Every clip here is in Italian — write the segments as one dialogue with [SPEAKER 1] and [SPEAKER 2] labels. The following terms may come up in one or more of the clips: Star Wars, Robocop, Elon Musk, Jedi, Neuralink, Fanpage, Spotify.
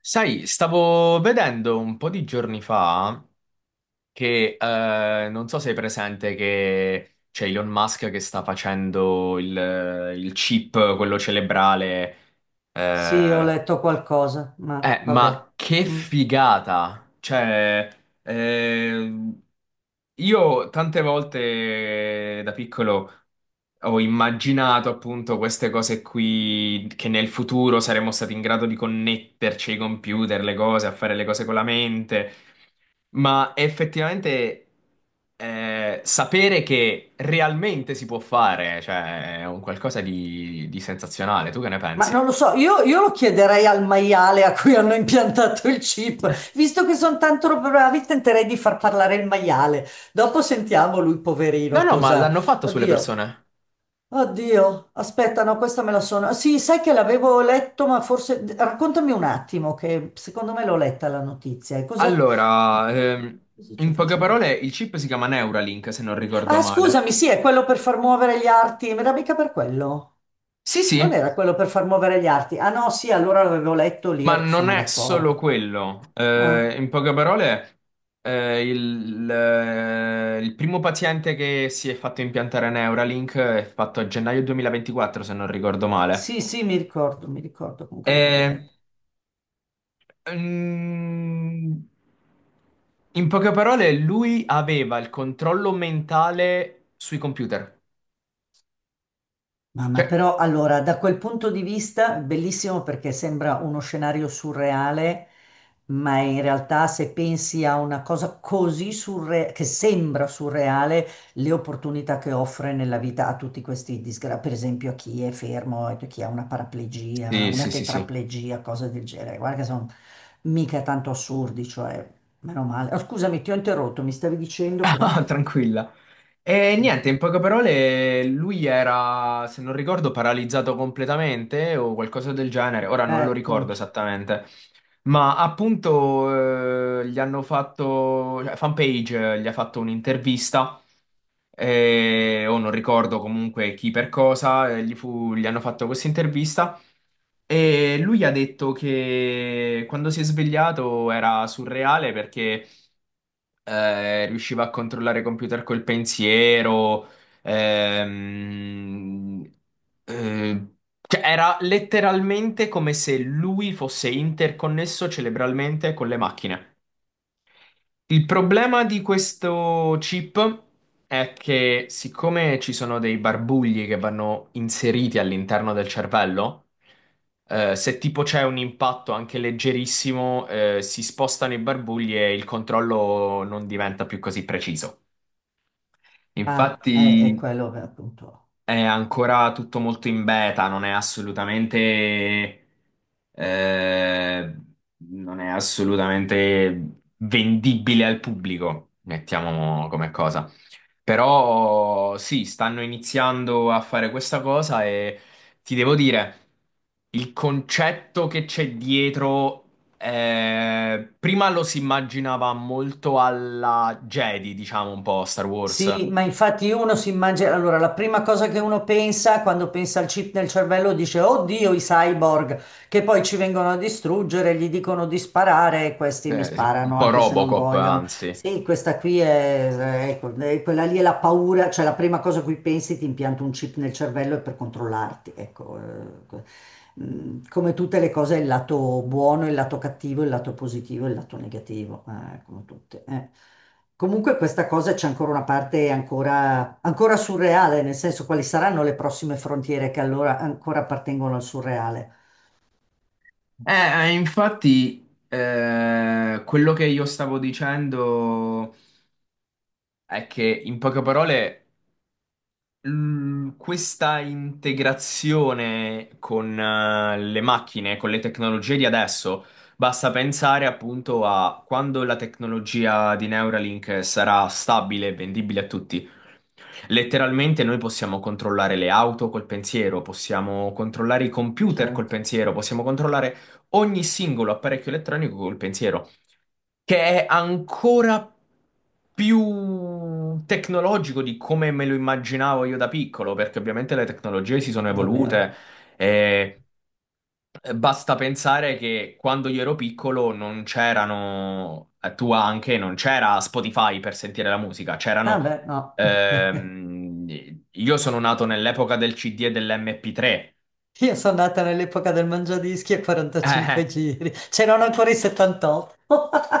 [SPEAKER 1] Sai, stavo vedendo un po' di giorni fa che non so se è presente che c'è Elon Musk che sta facendo il chip, quello cerebrale.
[SPEAKER 2] Sì, ho
[SPEAKER 1] eh,
[SPEAKER 2] letto qualcosa, ma vabbè.
[SPEAKER 1] ma che
[SPEAKER 2] Mm.
[SPEAKER 1] figata! Ehm, io tante volte da piccolo ho immaginato appunto queste cose qui, che nel futuro saremmo stati in grado di connetterci ai computer, le cose, a fare le cose con la mente, ma effettivamente sapere che realmente si può fare, cioè, è un qualcosa di sensazionale. Tu che ne
[SPEAKER 2] Ma non
[SPEAKER 1] pensi?
[SPEAKER 2] lo so, io lo chiederei al maiale a cui hanno impiantato il chip. Visto che sono tanto bravi, tenterei di far parlare il maiale. Dopo sentiamo lui,
[SPEAKER 1] No,
[SPEAKER 2] poverino,
[SPEAKER 1] no, ma
[SPEAKER 2] cosa...
[SPEAKER 1] l'hanno fatto sulle
[SPEAKER 2] Oddio,
[SPEAKER 1] persone.
[SPEAKER 2] oddio, aspetta, no, questa me la sono... Sì, sai che l'avevo letto, ma forse... Raccontami un attimo, che secondo me l'ho letta la notizia. E cosa...
[SPEAKER 1] Allora,
[SPEAKER 2] Cosa ci
[SPEAKER 1] in poche
[SPEAKER 2] faceva?
[SPEAKER 1] parole, il chip si chiama Neuralink, se non ricordo
[SPEAKER 2] Ah,
[SPEAKER 1] male.
[SPEAKER 2] scusami, sì, è quello per far muovere gli arti. Mi arrabbica per quello.
[SPEAKER 1] Sì,
[SPEAKER 2] Non
[SPEAKER 1] sì,
[SPEAKER 2] era quello per far muovere gli arti. Ah no, sì, allora l'avevo letto lì,
[SPEAKER 1] ma non
[SPEAKER 2] sono
[SPEAKER 1] è solo
[SPEAKER 2] d'accordo.
[SPEAKER 1] quello.
[SPEAKER 2] Ah,
[SPEAKER 1] In poche parole, il primo paziente che si è fatto impiantare Neuralink è fatto a gennaio 2024, se non ricordo male.
[SPEAKER 2] sì, sì, mi ricordo comunque di averlo
[SPEAKER 1] E,
[SPEAKER 2] letto.
[SPEAKER 1] mm, in poche parole, lui aveva il controllo mentale sui computer.
[SPEAKER 2] Mamma,
[SPEAKER 1] Cioè,
[SPEAKER 2] però allora da quel punto di vista bellissimo perché sembra uno scenario surreale, ma in realtà se pensi a una cosa così surreale, che sembra surreale, le opportunità che offre nella vita a tutti questi disgraziati, per esempio a chi è fermo, a chi ha una paraplegia,
[SPEAKER 1] sì,
[SPEAKER 2] una
[SPEAKER 1] sì, sì, sì.
[SPEAKER 2] tetraplegia, cose del genere. Guarda che sono mica tanto assurdi, cioè, meno male. Oh, scusami, ti ho interrotto, mi stavi dicendo però...
[SPEAKER 1] Ah, tranquilla. E niente, in poche parole, lui era, se non ricordo, paralizzato completamente o qualcosa del genere. Ora non lo ricordo
[SPEAKER 2] Punto.
[SPEAKER 1] esattamente. Ma appunto, gli hanno fatto, cioè, Fanpage, gli ha fatto un'intervista o non ricordo comunque chi per cosa, gli hanno fatto questa intervista e lui ha detto che quando si è svegliato era surreale perché riusciva a controllare i computer col pensiero, ehm, eh, cioè era letteralmente come se lui fosse interconnesso cerebralmente con le macchine. Il problema di questo chip è che siccome ci sono dei barbugli che vanno inseriti all'interno del cervello, se tipo c'è un impatto anche leggerissimo, si spostano i barbugli e il controllo non diventa più così preciso.
[SPEAKER 2] Ah, è
[SPEAKER 1] Infatti,
[SPEAKER 2] quello che appunto.
[SPEAKER 1] è ancora tutto molto in beta, non è assolutamente, eh, non è assolutamente vendibile al pubblico, mettiamo come cosa. Però sì, stanno iniziando a fare questa cosa e ti devo dire, il concetto che c'è dietro, prima lo si immaginava molto alla Jedi, diciamo un po' Star Wars,
[SPEAKER 2] Sì, ma infatti uno si immagina, allora la prima cosa che uno pensa quando pensa al chip nel cervello dice, oddio, i cyborg che poi ci vengono a distruggere, gli dicono di sparare e questi mi
[SPEAKER 1] un
[SPEAKER 2] sparano
[SPEAKER 1] po'
[SPEAKER 2] anche se non
[SPEAKER 1] Robocop,
[SPEAKER 2] vogliono.
[SPEAKER 1] anzi.
[SPEAKER 2] Sì, questa qui è, ecco, quella lì è la paura, cioè la prima cosa a cui pensi ti impianto un chip nel cervello è per controllarti, ecco. Mm, come tutte le cose, il lato buono, il lato cattivo, il lato positivo, il lato negativo, come tutte. Comunque questa cosa c'è ancora una parte ancora, ancora surreale, nel senso quali saranno le prossime frontiere che allora ancora appartengono al surreale.
[SPEAKER 1] Infatti, quello che io stavo dicendo è che, in poche parole, questa integrazione con le macchine, con le tecnologie di adesso, basta pensare appunto a quando la tecnologia di Neuralink sarà stabile e vendibile a tutti. Letteralmente noi possiamo controllare le auto col pensiero, possiamo controllare i computer col
[SPEAKER 2] Certo,
[SPEAKER 1] pensiero, possiamo controllare ogni singolo apparecchio elettronico col pensiero che è ancora più tecnologico di come me lo immaginavo io da piccolo, perché ovviamente le tecnologie si sono evolute
[SPEAKER 2] davvero.
[SPEAKER 1] e basta pensare che quando io ero piccolo non c'erano, tu anche, non c'era Spotify per sentire la musica, c'erano...
[SPEAKER 2] Vabbè, no.
[SPEAKER 1] io sono nato nell'epoca del CD e dell'MP3.
[SPEAKER 2] Io sono nata nell'epoca del mangiadischi a 45 giri, c'erano ancora i 78.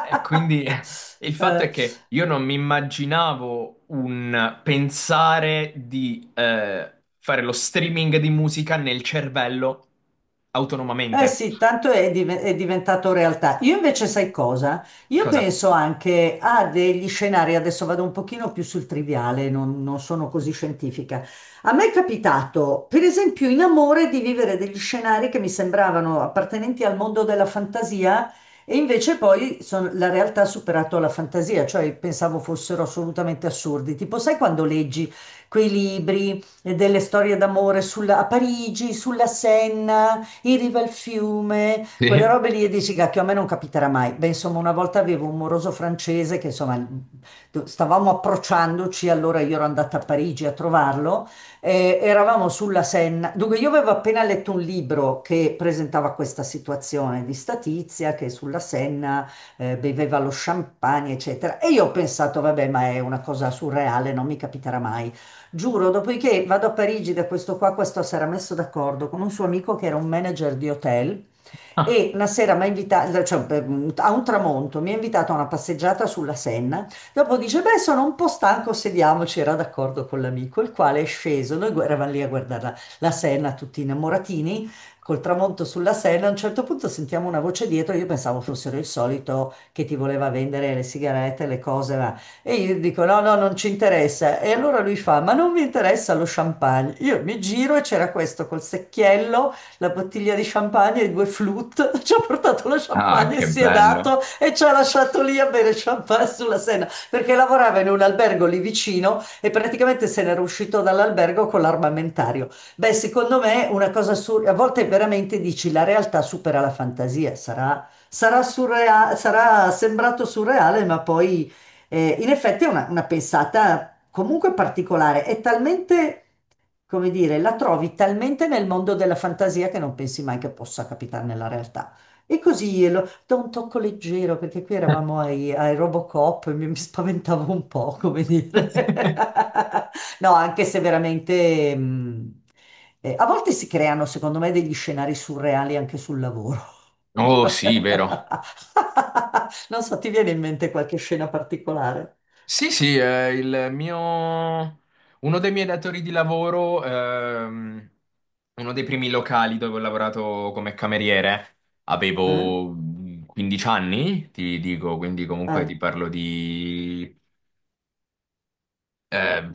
[SPEAKER 1] E quindi il fatto è
[SPEAKER 2] Eh,
[SPEAKER 1] che io non mi immaginavo un pensare di fare lo streaming di musica nel cervello
[SPEAKER 2] eh
[SPEAKER 1] autonomamente.
[SPEAKER 2] sì, tanto è, è diventato realtà. Io invece sai cosa? Io
[SPEAKER 1] Cosa?
[SPEAKER 2] penso anche a degli scenari, adesso vado un pochino più sul triviale, non sono così scientifica. A me è capitato, per esempio, in amore di vivere degli scenari che mi sembravano appartenenti al mondo della fantasia e invece poi la realtà ha superato la fantasia, cioè pensavo fossero assolutamente assurdi. Tipo, sai quando leggi quei libri delle storie d'amore a Parigi, sulla Senna? In riva al fiume, quelle
[SPEAKER 1] Sì.
[SPEAKER 2] robe lì e dici, cacchio, a me non capiterà mai. Beh, insomma, una volta avevo un moroso francese che, insomma, stavamo approcciandoci, allora io ero andata a Parigi a trovarlo, eravamo sulla Senna. Dunque, io avevo appena letto un libro che presentava questa situazione di Statizia, che sulla Senna beveva lo champagne, eccetera. E io ho pensato, vabbè, ma è una cosa surreale, non mi capiterà mai. Giuro, dopodiché vado a Parigi da questo qua, questo si era messo d'accordo con un suo amico che era un manager di hotel
[SPEAKER 1] Ah,
[SPEAKER 2] e una sera mi ha invitato, a un tramonto, mi ha invitato a una passeggiata sulla Senna, dopo dice, beh, sono un po' stanco, sediamoci, era d'accordo con l'amico, il quale è sceso, noi eravamo lì a guardare la Senna, tutti innamoratini, col tramonto sulla Senna, a un certo punto sentiamo una voce dietro, io pensavo fossero il solito che ti voleva vendere le sigarette, le cose, e io dico: No, no, non ci interessa. E allora lui fa: Ma non mi interessa lo champagne. Io mi giro e c'era questo col secchiello, la bottiglia di champagne e due flute. Ci ha portato lo
[SPEAKER 1] ah,
[SPEAKER 2] champagne e
[SPEAKER 1] che
[SPEAKER 2] si è
[SPEAKER 1] bello.
[SPEAKER 2] dato e ci ha lasciato lì a bere champagne sulla Senna perché lavorava in un albergo lì vicino e praticamente se n'era uscito dall'albergo con l'armamentario. Beh, secondo me una cosa surreale, a volte veramente dici la realtà supera la fantasia, sarà sarà sembrato surreale, ma poi in effetti è una pensata comunque particolare, è talmente come dire, la trovi talmente nel mondo della fantasia che non pensi mai che possa capitare nella realtà. E così lo, da un tocco leggero, perché qui eravamo ai Robocop e mi spaventavo un po', come dire. No, anche se veramente... a volte si creano, secondo me, degli scenari surreali anche sul lavoro.
[SPEAKER 1] Oh, sì, vero.
[SPEAKER 2] Non so, ti viene in mente qualche scena particolare?
[SPEAKER 1] Sì, sì, il mio. Uno dei miei datori di lavoro, uno dei primi locali dove ho lavorato come cameriere,
[SPEAKER 2] Eh?
[SPEAKER 1] avevo 15 anni, ti dico, quindi comunque
[SPEAKER 2] Eh?
[SPEAKER 1] ti parlo di eh,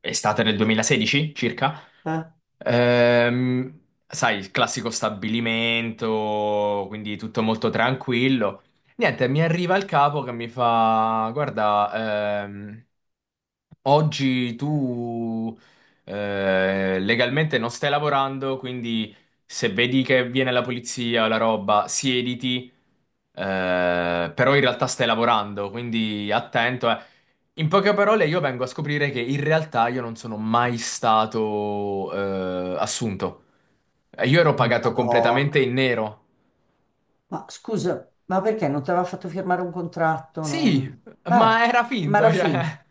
[SPEAKER 1] estate del 2016 circa.
[SPEAKER 2] Eh?
[SPEAKER 1] Ehm, Sai, il classico stabilimento, quindi tutto molto tranquillo. Niente, mi arriva il capo che mi fa: Guarda, oggi tu legalmente non stai lavorando, quindi se vedi che viene la polizia o la roba, siediti. Però in realtà stai lavorando, quindi attento. In poche parole, io vengo a scoprire che in realtà io non sono mai stato assunto. Io ero pagato
[SPEAKER 2] Madonna.
[SPEAKER 1] completamente in nero.
[SPEAKER 2] Ma scusa, ma perché non ti aveva fatto firmare un contratto?
[SPEAKER 1] Sì,
[SPEAKER 2] Non...
[SPEAKER 1] ma era
[SPEAKER 2] ma
[SPEAKER 1] finto,
[SPEAKER 2] era finta.
[SPEAKER 1] cioè.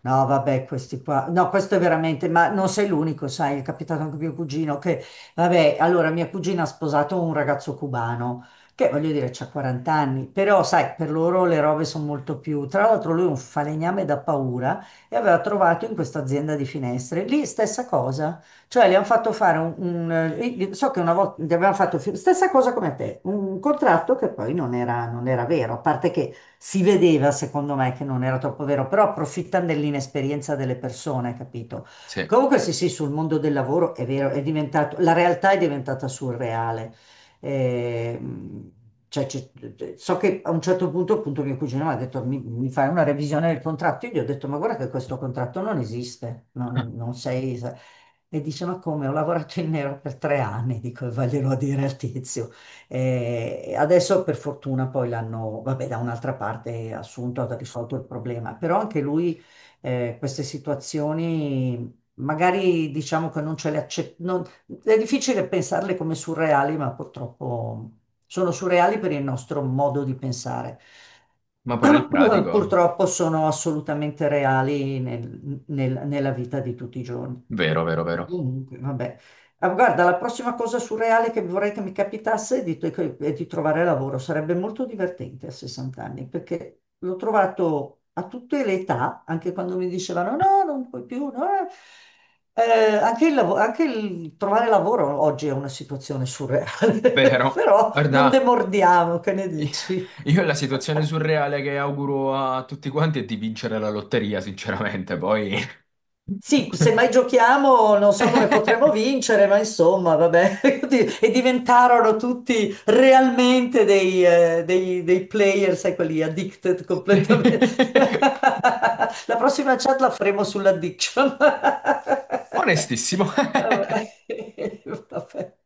[SPEAKER 2] No, vabbè, questi qua. No, questo è veramente, ma non sei l'unico, sai, è capitato anche a mio cugino che, vabbè, allora mia cugina ha sposato un ragazzo cubano, che voglio dire, c'ha 40 anni, però sai, per loro le robe sono molto più. Tra l'altro lui è un falegname da paura e aveva trovato in questa azienda di finestre, lì stessa cosa, cioè le hanno fatto fare so che una volta gli avevano fatto, stessa cosa come a te, un contratto che poi non era vero, a parte che si vedeva, secondo me, che non era troppo vero, però approfittano dell'inesperienza delle persone, capito?
[SPEAKER 1] Sì,
[SPEAKER 2] Comunque sì, sì, sul mondo del lavoro è vero, è diventato, la realtà è diventata surreale. Ehm, cioè, so che a un certo punto, appunto, mio cugino mi ha detto: mi fai una revisione del contratto? Io gli ho detto: Ma guarda che questo contratto non esiste, non sei. E dice: Ma come? Ho lavorato in nero per 3 anni, dico, e vaglielo a dire al tizio. Adesso per fortuna poi l'hanno, vabbè, da un'altra parte assunto, ha risolto il problema, però anche lui queste situazioni magari diciamo che non ce le accetta, è difficile pensarle come surreali, ma purtroppo sono surreali per il nostro modo di pensare.
[SPEAKER 1] ma poi nel pratico.
[SPEAKER 2] Purtroppo sono assolutamente reali nella vita di tutti i giorni.
[SPEAKER 1] Vero, vero, vero.
[SPEAKER 2] Comunque, vabbè. Ah, guarda, la prossima cosa surreale che vorrei che mi capitasse è è di trovare lavoro. Sarebbe molto divertente a 60 anni, perché l'ho trovato a tutte le età, anche quando mi dicevano no, non puoi più, no, eh". Anche anche il trovare lavoro oggi è una situazione surreale,
[SPEAKER 1] Vero.
[SPEAKER 2] però non
[SPEAKER 1] Guarda,
[SPEAKER 2] demordiamo, che ne dici?
[SPEAKER 1] io la situazione surreale che auguro a tutti quanti è di vincere la lotteria, sinceramente, poi.
[SPEAKER 2] Sì, se mai giochiamo non so come potremo vincere, ma insomma, vabbè. E diventarono tutti realmente dei player, sai, quelli addicted
[SPEAKER 1] Sì.
[SPEAKER 2] completamente. La prossima chat la faremo sull'addiction.
[SPEAKER 1] Onestissimo.
[SPEAKER 2] Vabbè. Vabbè.